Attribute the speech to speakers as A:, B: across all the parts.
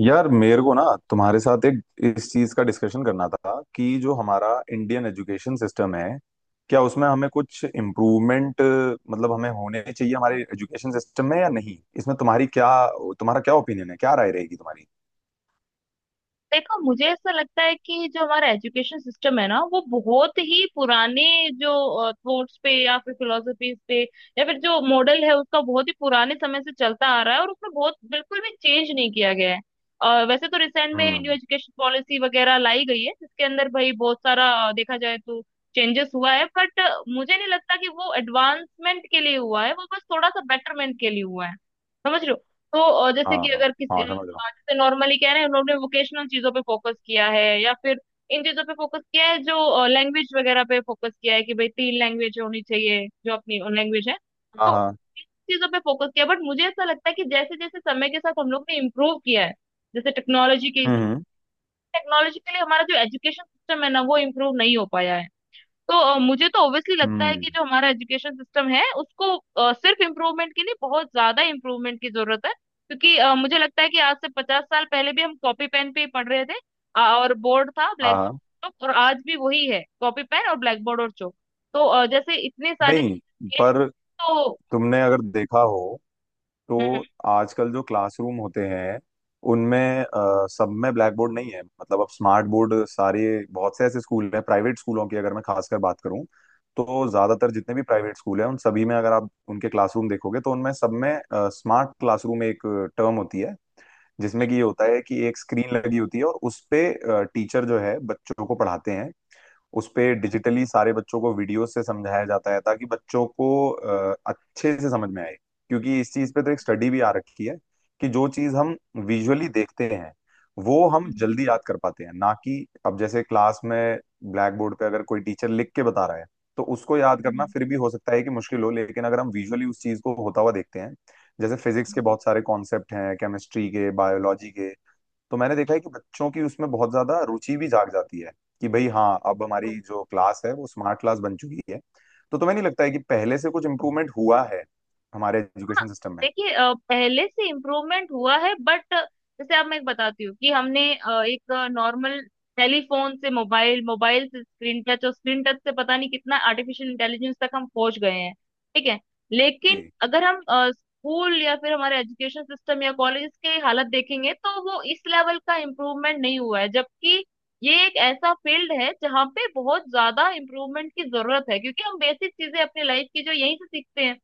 A: यार, मेरे को ना तुम्हारे साथ एक इस चीज का डिस्कशन करना था कि जो हमारा इंडियन एजुकेशन सिस्टम है, क्या उसमें हमें कुछ इम्प्रूवमेंट मतलब हमें होने चाहिए हमारे एजुकेशन सिस्टम में या नहीं। इसमें तुम्हारी क्या तुम्हारा क्या ओपिनियन है, क्या राय रहेगी तुम्हारी।
B: देखो, मुझे ऐसा लगता है कि जो हमारा एजुकेशन सिस्टम है ना, वो बहुत ही पुराने जो थॉट्स पे या फिर फिलोसफीज पे या फिर जो मॉडल है उसका, बहुत ही पुराने समय से चलता आ रहा है, और उसमें बहुत बिल्कुल भी चेंज नहीं किया गया है। वैसे तो रिसेंट में न्यू
A: हम्म।
B: एजुकेशन पॉलिसी वगैरह लाई गई है, जिसके अंदर भाई बहुत सारा देखा जाए तो चेंजेस हुआ है, बट मुझे नहीं लगता कि वो एडवांसमेंट के लिए हुआ है, वो बस थोड़ा सा बेटरमेंट के लिए हुआ है। समझ रहे हो? तो जैसे
A: हाँ
B: कि
A: हाँ।
B: अगर किसी,
A: हाँ, समझ रहा हूँ।
B: जैसे नॉर्मली कह रहे हैं, उन्होंने वोकेशनल चीजों पे फोकस किया है, या फिर इन चीजों पे फोकस किया है, जो लैंग्वेज वगैरह पे फोकस किया है कि भाई तीन लैंग्वेज होनी चाहिए, जो अपनी लैंग्वेज है। तो
A: हाँ
B: उन
A: हाँ।
B: चीजों पे फोकस किया, बट मुझे ऐसा लगता है कि जैसे जैसे समय के साथ हम लोग ने इम्प्रूव किया है, जैसे टेक्नोलॉजी के हिसाब
A: हम्म
B: से, टेक्नोलॉजी के लिए हमारा जो एजुकेशन सिस्टम है ना, वो इम्प्रूव नहीं हो पाया है। तो मुझे तो ऑब्वियसली लगता है
A: हम्म।
B: कि जो हमारा एजुकेशन सिस्टम है, उसको सिर्फ इम्प्रूवमेंट की नहीं, बहुत ज्यादा इम्प्रूवमेंट की जरूरत है। क्योंकि मुझे लगता है कि आज से 50 साल पहले भी हम कॉपी पेन पे ही पढ़ रहे थे, और बोर्ड था
A: हाँ
B: ब्लैक,
A: हाँ।
B: तो और आज भी वही है, कॉपी पेन और ब्लैक बोर्ड और चॉक। तो जैसे इतनी सारी
A: नहीं,
B: चीजें
A: पर
B: तो
A: तुमने अगर देखा हो
B: हम्म,
A: तो आजकल जो क्लासरूम होते हैं उनमें सब में ब्लैक बोर्ड नहीं है, मतलब अब स्मार्ट बोर्ड सारे, बहुत से ऐसे स्कूल हैं। प्राइवेट स्कूलों की अगर मैं खासकर बात करूं तो ज्यादातर जितने भी प्राइवेट स्कूल हैं उन सभी में अगर आप उनके क्लासरूम देखोगे तो उनमें सब में स्मार्ट क्लासरूम एक टर्म होती है, जिसमें कि ये होता है कि एक स्क्रीन लगी होती है और उस पे टीचर जो है बच्चों को पढ़ाते हैं। उस पे
B: हम्म,
A: डिजिटली सारे बच्चों को वीडियो से समझाया जाता है ताकि बच्चों को अच्छे से समझ में आए। क्योंकि इस चीज पे तो एक स्टडी भी आ रखी है कि जो चीज हम विजुअली देखते हैं वो हम
B: हम्म,
A: जल्दी याद कर पाते हैं ना। कि अब जैसे क्लास में ब्लैक बोर्ड पे अगर कोई टीचर लिख के बता रहा है तो उसको याद करना
B: हम्म,
A: फिर भी हो सकता है कि मुश्किल हो, लेकिन अगर हम विजुअली उस चीज को होता हुआ देखते हैं, जैसे फिजिक्स के
B: हम्म, हम्म।
A: बहुत सारे कॉन्सेप्ट हैं, केमिस्ट्री के, बायोलॉजी के, तो मैंने देखा है कि बच्चों की उसमें बहुत ज्यादा रुचि भी जाग जाती है कि भाई हाँ अब हमारी जो क्लास है वो स्मार्ट क्लास बन चुकी है। तो तुम्हें नहीं लगता है कि पहले से कुछ इम्प्रूवमेंट हुआ है हमारे
B: हाँ,
A: एजुकेशन सिस्टम में?
B: देखिए, पहले से इम्प्रूवमेंट हुआ है, बट जैसे अब मैं एक बताती हूँ कि हमने एक नॉर्मल टेलीफोन से मोबाइल, मोबाइल से स्क्रीन टच, और स्क्रीन टच से पता नहीं कितना आर्टिफिशियल इंटेलिजेंस तक हम पहुंच गए हैं। ठीक है? लेकिन
A: जी।
B: अगर हम स्कूल या फिर हमारे एजुकेशन सिस्टम या कॉलेज के हालत देखेंगे, तो वो इस लेवल का इम्प्रूवमेंट नहीं हुआ है। जबकि ये एक ऐसा फील्ड है जहाँ पे बहुत ज्यादा इम्प्रूवमेंट की जरूरत है, क्योंकि हम बेसिक चीजें अपनी लाइफ की जो यहीं से सीखते हैं।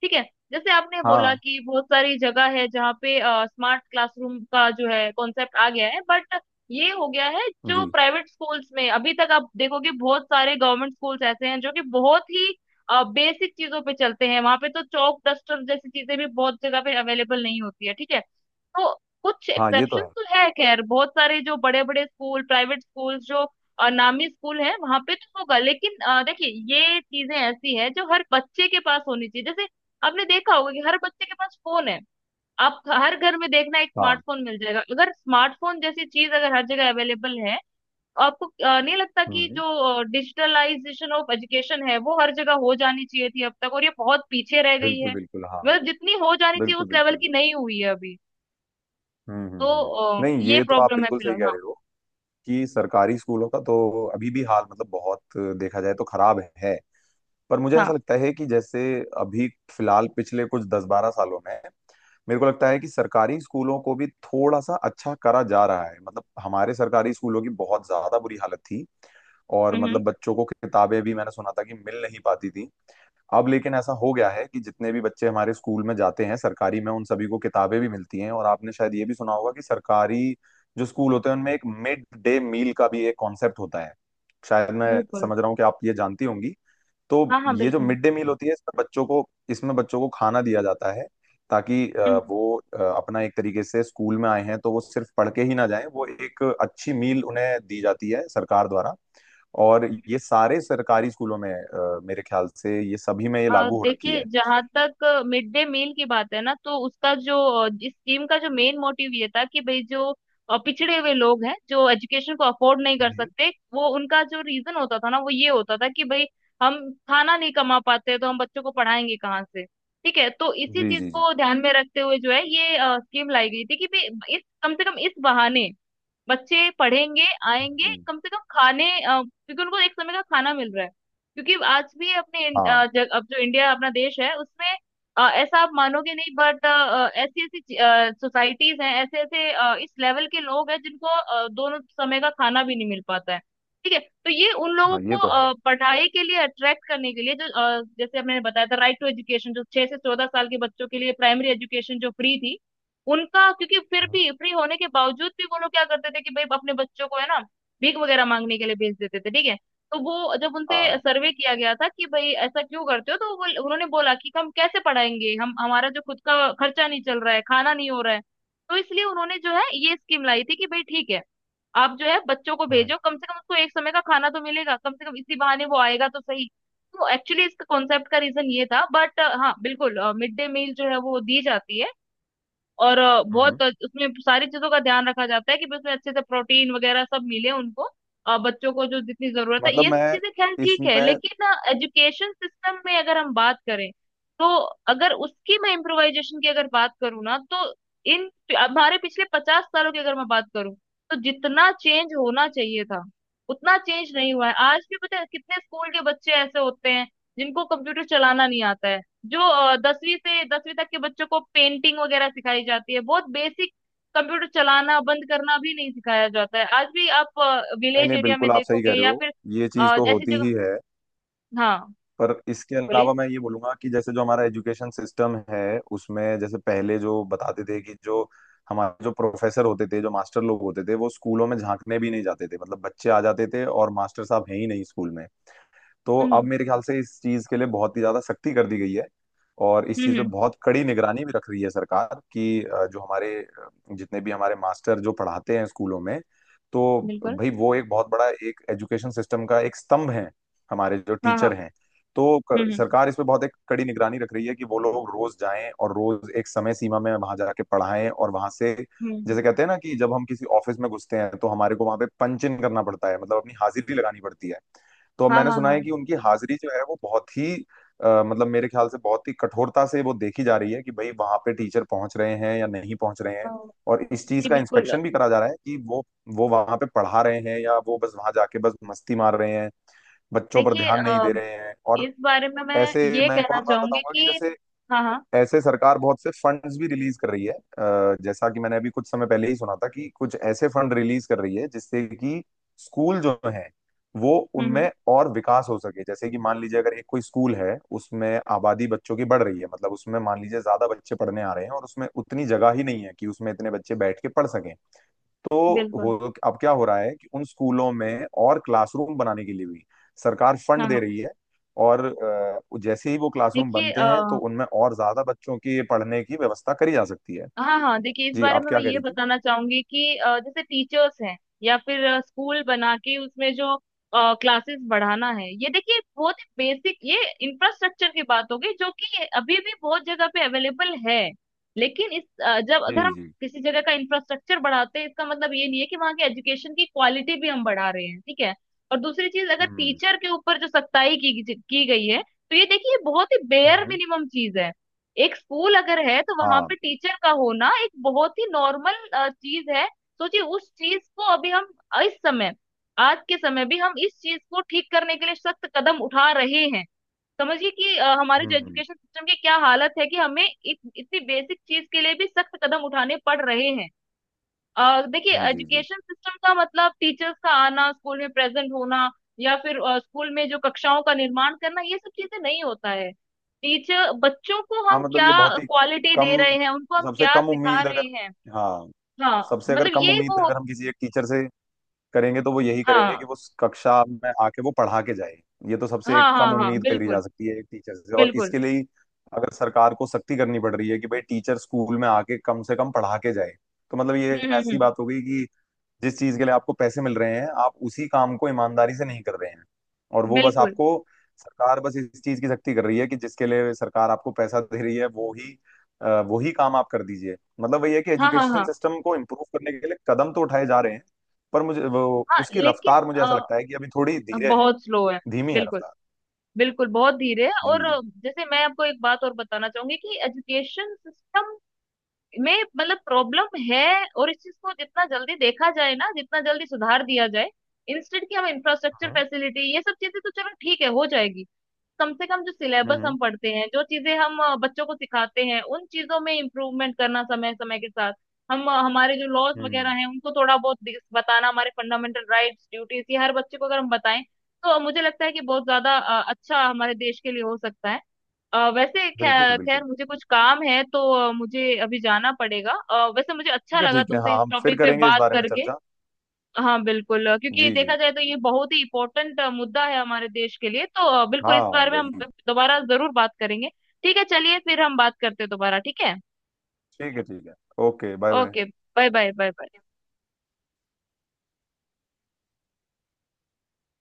B: ठीक है? जैसे आपने
A: हाँ।
B: बोला कि बहुत सारी जगह है जहाँ पे स्मार्ट क्लासरूम का जो है कॉन्सेप्ट आ गया है, बट ये हो गया है जो
A: जी।
B: प्राइवेट स्कूल्स में। अभी तक आप देखोगे बहुत सारे गवर्नमेंट स्कूल्स ऐसे हैं जो कि बहुत ही बेसिक चीजों पे चलते हैं, वहां पे तो चौक डस्टर जैसी चीजें भी बहुत जगह पे अवेलेबल नहीं होती है। ठीक है? तो कुछ
A: हाँ ये तो
B: एक्सेप्शन
A: है।
B: तो है। खैर, बहुत सारे जो बड़े बड़े स्कूल, प्राइवेट स्कूल, जो नामी स्कूल है, वहां पे तो होगा। लेकिन देखिए, ये चीजें ऐसी है जो हर बच्चे के पास होनी चाहिए। जैसे आपने देखा होगा कि हर बच्चे के पास फोन है। आप हर घर में देखना, एक
A: हाँ।
B: स्मार्टफोन मिल जाएगा। अगर स्मार्टफोन जैसी चीज अगर हर जगह अवेलेबल है, तो आपको नहीं लगता कि
A: हम्म।
B: जो डिजिटलाइजेशन ऑफ एजुकेशन है, वो हर जगह हो जानी चाहिए थी अब तक, और ये बहुत पीछे रह गई
A: बिल्कुल
B: है।
A: बिल्कुल, हाँ।
B: मतलब जितनी हो जानी चाहिए
A: बिल्कुल
B: उस लेवल
A: बिल्कुल।
B: की नहीं हुई है अभी।
A: हम्म
B: तो
A: हम्म हम्म। नहीं,
B: ये
A: ये तो आप
B: प्रॉब्लम है
A: बिल्कुल सही
B: फिलहाल।
A: कह
B: हाँ।
A: रहे हो कि सरकारी स्कूलों का तो अभी भी हाल, मतलब बहुत देखा जाए तो खराब है। पर मुझे
B: हाँ।
A: ऐसा लगता है कि जैसे अभी फिलहाल पिछले कुछ 10-12 सालों में मेरे को लगता है कि सरकारी स्कूलों को भी थोड़ा सा अच्छा करा जा रहा है, मतलब हमारे सरकारी स्कूलों की बहुत ज्यादा बुरी हालत थी, और
B: हम्म।
A: मतलब बच्चों को किताबें भी मैंने सुना था कि मिल नहीं पाती थी। अब लेकिन ऐसा हो गया है कि जितने भी बच्चे हमारे स्कूल में जाते हैं सरकारी में, उन सभी को किताबें भी मिलती हैं, और आपने शायद ये भी सुना होगा कि सरकारी जो स्कूल होते हैं उनमें एक मिड डे मील का भी एक कॉन्सेप्ट होता है। शायद मैं
B: बिल्कुल।
A: समझ रहा हूँ कि आप ये जानती होंगी।
B: हाँ,
A: तो
B: हाँ,
A: ये जो
B: बिल्कुल।
A: मिड डे मील होती है, इसमें बच्चों को खाना दिया जाता है, ताकि
B: हम्म।
A: वो अपना एक तरीके से स्कूल में आए हैं तो वो सिर्फ पढ़ के ही ना जाएं, वो एक अच्छी मील उन्हें दी जाती है सरकार द्वारा। और ये सारे सरकारी स्कूलों में मेरे ख्याल से ये सभी में ये लागू हो रखी
B: देखिए,
A: है।
B: जहाँ तक मिड डे मील की बात है ना, तो उसका जो इस स्कीम का जो मेन मोटिव ये था कि भाई जो पिछड़े हुए लोग हैं, जो एजुकेशन को अफोर्ड नहीं कर
A: जी
B: सकते, वो उनका जो रीजन होता था ना, वो ये होता था कि भाई, हम खाना नहीं कमा पाते, तो हम बच्चों को पढ़ाएंगे कहाँ से। ठीक है? तो इसी
A: जी
B: चीज
A: जी। जी।
B: को ध्यान में रखते हुए जो है, ये स्कीम लाई गई थी कि भाई इस, कम से कम इस बहाने बच्चे पढ़ेंगे, आएंगे
A: हम्म।
B: कम से कम खाने, क्योंकि उनको एक समय का खाना मिल रहा है। क्योंकि आज भी अपने
A: हाँ
B: अब जो इंडिया अपना देश है, उसमें ऐसा आप मानोगे नहीं, बट ऐसी ऐसी सोसाइटीज हैं, ऐसे ऐसे इस लेवल के लोग हैं, जिनको दोनों समय का खाना भी नहीं मिल पाता है। ठीक है? तो ये उन लोगों
A: हाँ ये
B: को
A: तो है।
B: पढ़ाई के लिए अट्रैक्ट करने के लिए, जो जैसे हमने बताया था राइट टू एजुकेशन, जो 6 से 14 साल के बच्चों के लिए प्राइमरी एजुकेशन जो फ्री थी, उनका क्योंकि फिर
A: हम्म।
B: भी फ्री होने के बावजूद भी वो लोग क्या करते थे कि भाई अपने बच्चों को है ना, भीख वगैरह मांगने के लिए भेज देते थे। ठीक है? तो वो जब उनसे
A: हाँ।
B: सर्वे किया गया था कि भाई ऐसा क्यों करते हो, तो वो उन्होंने बोला कि हम कैसे पढ़ाएंगे, हम, हमारा जो खुद का खर्चा नहीं चल रहा है, खाना नहीं हो रहा है। तो इसलिए उन्होंने जो है ये स्कीम लाई थी कि भाई ठीक है, आप जो है बच्चों को
A: हम्म
B: भेजो, कम से कम उसको एक समय का खाना तो मिलेगा, कम से कम इसी बहाने वो आएगा तो सही। तो एक्चुअली इसका कॉन्सेप्ट का रीजन ये था, बट हाँ बिल्कुल मिड डे मील जो है वो दी जाती है। और
A: हम्म।
B: बहुत उसमें सारी चीजों का ध्यान रखा जाता है कि भाई उसमें अच्छे से प्रोटीन वगैरह सब मिले उनको, बच्चों को जो जितनी जरूरत है,
A: मतलब
B: ये सब
A: मैं
B: चीजें। खैर, ठीक है
A: इसमें
B: लेकिन एजुकेशन सिस्टम में अगर हम बात करें, तो अगर उसकी मैं इम्प्रोवाइजेशन की अगर बात करूँ ना, तो इन हमारे पिछले 50 सालों की अगर मैं बात करूँ, तो जितना चेंज होना चाहिए था उतना चेंज नहीं हुआ है। आज भी पता है कितने स्कूल के बच्चे ऐसे होते हैं जिनको कंप्यूटर चलाना नहीं आता है, जो 10वीं से 10वीं तक के बच्चों को पेंटिंग वगैरह सिखाई जाती है, बहुत बेसिक। कंप्यूटर चलाना बंद करना भी नहीं सिखाया जाता है। आज भी आप
A: नहीं
B: विलेज
A: नहीं,
B: एरिया में
A: बिल्कुल आप सही कह
B: देखोगे,
A: रहे
B: या
A: हो,
B: फिर
A: ये चीज तो
B: ऐसी
A: होती
B: जगह।
A: ही है।
B: हाँ,
A: पर इसके
B: बोलिए।
A: अलावा मैं ये बोलूंगा कि जैसे जो हमारा एजुकेशन सिस्टम है उसमें, जैसे पहले जो बताते थे कि जो हमारे जो प्रोफेसर होते थे, जो मास्टर लोग होते थे, वो स्कूलों में झांकने भी नहीं जाते थे, मतलब बच्चे आ जाते थे और मास्टर साहब हैं ही नहीं स्कूल में। तो अब
B: हम्म,
A: मेरे ख्याल से इस चीज के लिए बहुत ही ज्यादा सख्ती कर दी गई है, और इस
B: हम्म,
A: चीज पे बहुत कड़ी निगरानी भी रख रही है सरकार कि जो हमारे जितने भी हमारे मास्टर जो पढ़ाते हैं स्कूलों में, तो
B: बिल्कुल।
A: भाई वो एक बहुत बड़ा, एक एजुकेशन सिस्टम का एक स्तंभ है हमारे जो
B: हाँ, हाँ।
A: टीचर हैं। तो
B: हम्म, हम्म,
A: सरकार इस पे बहुत एक कड़ी निगरानी रख रही है कि वो लोग रोज जाएं और रोज एक समय सीमा में वहां जाके पढ़ाएं। और वहां से,
B: हम्म।
A: जैसे कहते हैं ना कि जब हम किसी ऑफिस में घुसते हैं तो हमारे को वहां पे पंच इन करना पड़ता है, मतलब अपनी हाजिरी लगानी पड़ती है, तो
B: हाँ,
A: मैंने
B: हाँ,
A: सुना
B: हाँ।
A: है कि उनकी हाजिरी जो है वो बहुत ही मतलब मेरे ख्याल से बहुत ही कठोरता से वो देखी जा रही है कि भाई वहां पे टीचर पहुंच रहे हैं या नहीं पहुंच रहे
B: अ,
A: हैं। और इस चीज
B: जी,
A: का
B: बिल्कुल।
A: इंस्पेक्शन भी करा जा रहा है कि वो वहां पे पढ़ा रहे हैं या वो बस वहां जाके बस मस्ती मार रहे हैं, बच्चों पर
B: देखिए,
A: ध्यान नहीं दे रहे हैं। और
B: इस बारे में मैं
A: ऐसे,
B: ये
A: मैं एक
B: कहना
A: और बात
B: चाहूंगी
A: बताऊंगा कि
B: कि
A: जैसे
B: हाँ, हाँ।
A: ऐसे सरकार बहुत से फंड्स भी रिलीज कर रही है, जैसा कि मैंने अभी कुछ समय पहले ही सुना था कि कुछ ऐसे फंड रिलीज कर रही है जिससे कि स्कूल जो है वो
B: हम्म, हम्म।
A: उनमें और विकास हो सके। जैसे कि मान लीजिए अगर एक कोई स्कूल है, उसमें आबादी बच्चों की बढ़ रही है, मतलब उसमें मान लीजिए ज्यादा बच्चे पढ़ने आ रहे हैं और उसमें उतनी जगह ही नहीं है कि उसमें इतने बच्चे बैठ के पढ़ सकें, तो
B: बिल्कुल।
A: हो अब क्या हो रहा है कि उन स्कूलों में और क्लासरूम बनाने के लिए भी सरकार फंड
B: हाँ, हाँ,
A: दे रही है। और जैसे ही वो क्लासरूम
B: देखिए
A: बनते हैं तो उनमें और ज्यादा बच्चों की पढ़ने की व्यवस्था करी जा सकती है।
B: हाँ, हाँ, देखिए इस
A: जी,
B: बारे
A: आप
B: में मैं
A: क्या कह
B: ये
A: रही थी?
B: बताना चाहूंगी कि जैसे टीचर्स हैं, या फिर स्कूल बना के उसमें जो क्लासेस बढ़ाना है, ये देखिए बहुत बेसिक, ये इंफ्रास्ट्रक्चर की बात हो गई, जो कि अभी भी बहुत जगह पे अवेलेबल है। लेकिन इस, जब
A: जी
B: अगर हम
A: जी।
B: किसी जगह का इंफ्रास्ट्रक्चर बढ़ाते हैं, इसका मतलब ये नहीं है कि वहाँ की एजुकेशन की क्वालिटी भी हम बढ़ा रहे हैं। ठीक है? और दूसरी चीज, अगर
A: हम्म
B: टीचर के ऊपर जो सख्ताई की गई है, तो ये देखिए बहुत ही बेयर
A: हम्म।
B: मिनिमम चीज है। एक स्कूल अगर है तो वहां पे
A: हाँ।
B: टीचर का होना एक बहुत ही नॉर्मल चीज है। सोचिए उस चीज को अभी हम, इस समय, आज के समय भी हम इस चीज को ठीक करने के लिए सख्त कदम उठा रहे हैं। समझिए कि हमारे जो
A: हम्म हम्म।
B: एजुकेशन सिस्टम की क्या हालत है कि हमें इतनी बेसिक चीज के लिए भी सख्त कदम उठाने पड़ रहे हैं। देखिए,
A: जी जी जी।
B: एजुकेशन सिस्टम का मतलब टीचर्स का आना, स्कूल में प्रेजेंट होना, या फिर स्कूल में जो कक्षाओं का निर्माण करना, ये सब चीजें नहीं होता है। टीचर बच्चों को
A: हाँ,
B: हम
A: मतलब
B: क्या
A: ये बहुत ही
B: क्वालिटी
A: कम
B: दे रहे हैं, उनको हम
A: सबसे
B: क्या
A: कम
B: सिखा
A: उम्मीद
B: रहे
A: अगर
B: हैं?
A: हाँ,
B: हाँ
A: सबसे अगर
B: मतलब
A: कम
B: ये
A: उम्मीद
B: वो।
A: अगर हम किसी एक टीचर से करेंगे तो वो यही करेंगे कि
B: हाँ,
A: वो कक्षा में आके वो पढ़ा के जाए। ये तो सबसे
B: हाँ, हाँ,
A: कम
B: हाँ,
A: उम्मीद करी जा
B: बिल्कुल,
A: सकती है एक टीचर से, और
B: बिल्कुल।
A: इसके लिए ही अगर सरकार को सख्ती करनी पड़ रही है कि भाई टीचर स्कूल में आके कम से कम पढ़ा के जाए, तो मतलब ये
B: हम्म, हम्म,
A: ऐसी बात हो गई कि जिस चीज के लिए आपको पैसे मिल रहे हैं आप उसी काम को ईमानदारी से नहीं कर रहे हैं। और वो बस
B: बिल्कुल।
A: आपको, सरकार बस इस चीज की सख्ती कर रही है कि जिसके लिए सरकार आपको पैसा दे रही है वो ही काम आप कर दीजिए। मतलब वही है कि
B: हाँ, हाँ,
A: एजुकेशन
B: हाँ।
A: सिस्टम को इम्प्रूव करने के लिए कदम तो उठाए जा रहे हैं, पर मुझे वो
B: हाँ
A: उसकी
B: लेकिन
A: रफ्तार, मुझे ऐसा लगता है कि अभी थोड़ी धीरे है,
B: बहुत स्लो है।
A: धीमी है
B: बिल्कुल।
A: रफ्तार।
B: बिल्कुल बहुत धीरे है।
A: जी
B: और
A: जी।
B: जैसे मैं आपको एक बात और बताना चाहूंगी कि एजुकेशन सिस्टम में मतलब प्रॉब्लम है, और इस चीज को जितना जल्दी देखा जाए ना, जितना जल्दी सुधार दिया जाए। इंस्टेंट की हम इंफ्रास्ट्रक्चर
A: हम्म
B: फैसिलिटी, ये सब चीजें तो चलो ठीक है हो जाएगी। कम से कम जो सिलेबस
A: हम्म
B: हम पढ़ते हैं, जो चीजें हम बच्चों को सिखाते हैं, उन चीजों में इम्प्रूवमेंट करना समय समय के साथ। हम हमारे जो लॉज वगैरह
A: हम्म।
B: हैं, उनको थोड़ा बहुत बताना, हमारे फंडामेंटल राइट्स, ड्यूटीज, ये हर बच्चे को अगर हम बताएं, तो मुझे लगता है कि बहुत ज्यादा अच्छा हमारे देश के लिए हो सकता है। वैसे
A: बिल्कुल
B: खैर
A: बिल्कुल।
B: मुझे कुछ काम है, तो मुझे अभी जाना पड़ेगा। वैसे मुझे अच्छा
A: ठीक है
B: लगा
A: ठीक है,
B: तुमसे
A: हाँ,
B: इस
A: हम फिर
B: टॉपिक पे
A: करेंगे इस
B: बात
A: बारे में
B: करके।
A: चर्चा।
B: हाँ, बिल्कुल। क्योंकि
A: जी जी।
B: देखा जाए तो ये बहुत ही इम्पोर्टेंट मुद्दा है हमारे देश के लिए। तो बिल्कुल इस
A: हाँ।
B: बारे में हम
A: वही।
B: दोबारा जरूर बात करेंगे। ठीक है, चलिए फिर हम बात करते हैं दोबारा। ठीक है।
A: ठीक है ठीक है। Okay, bye bye.
B: Okay, bye bye, bye bye.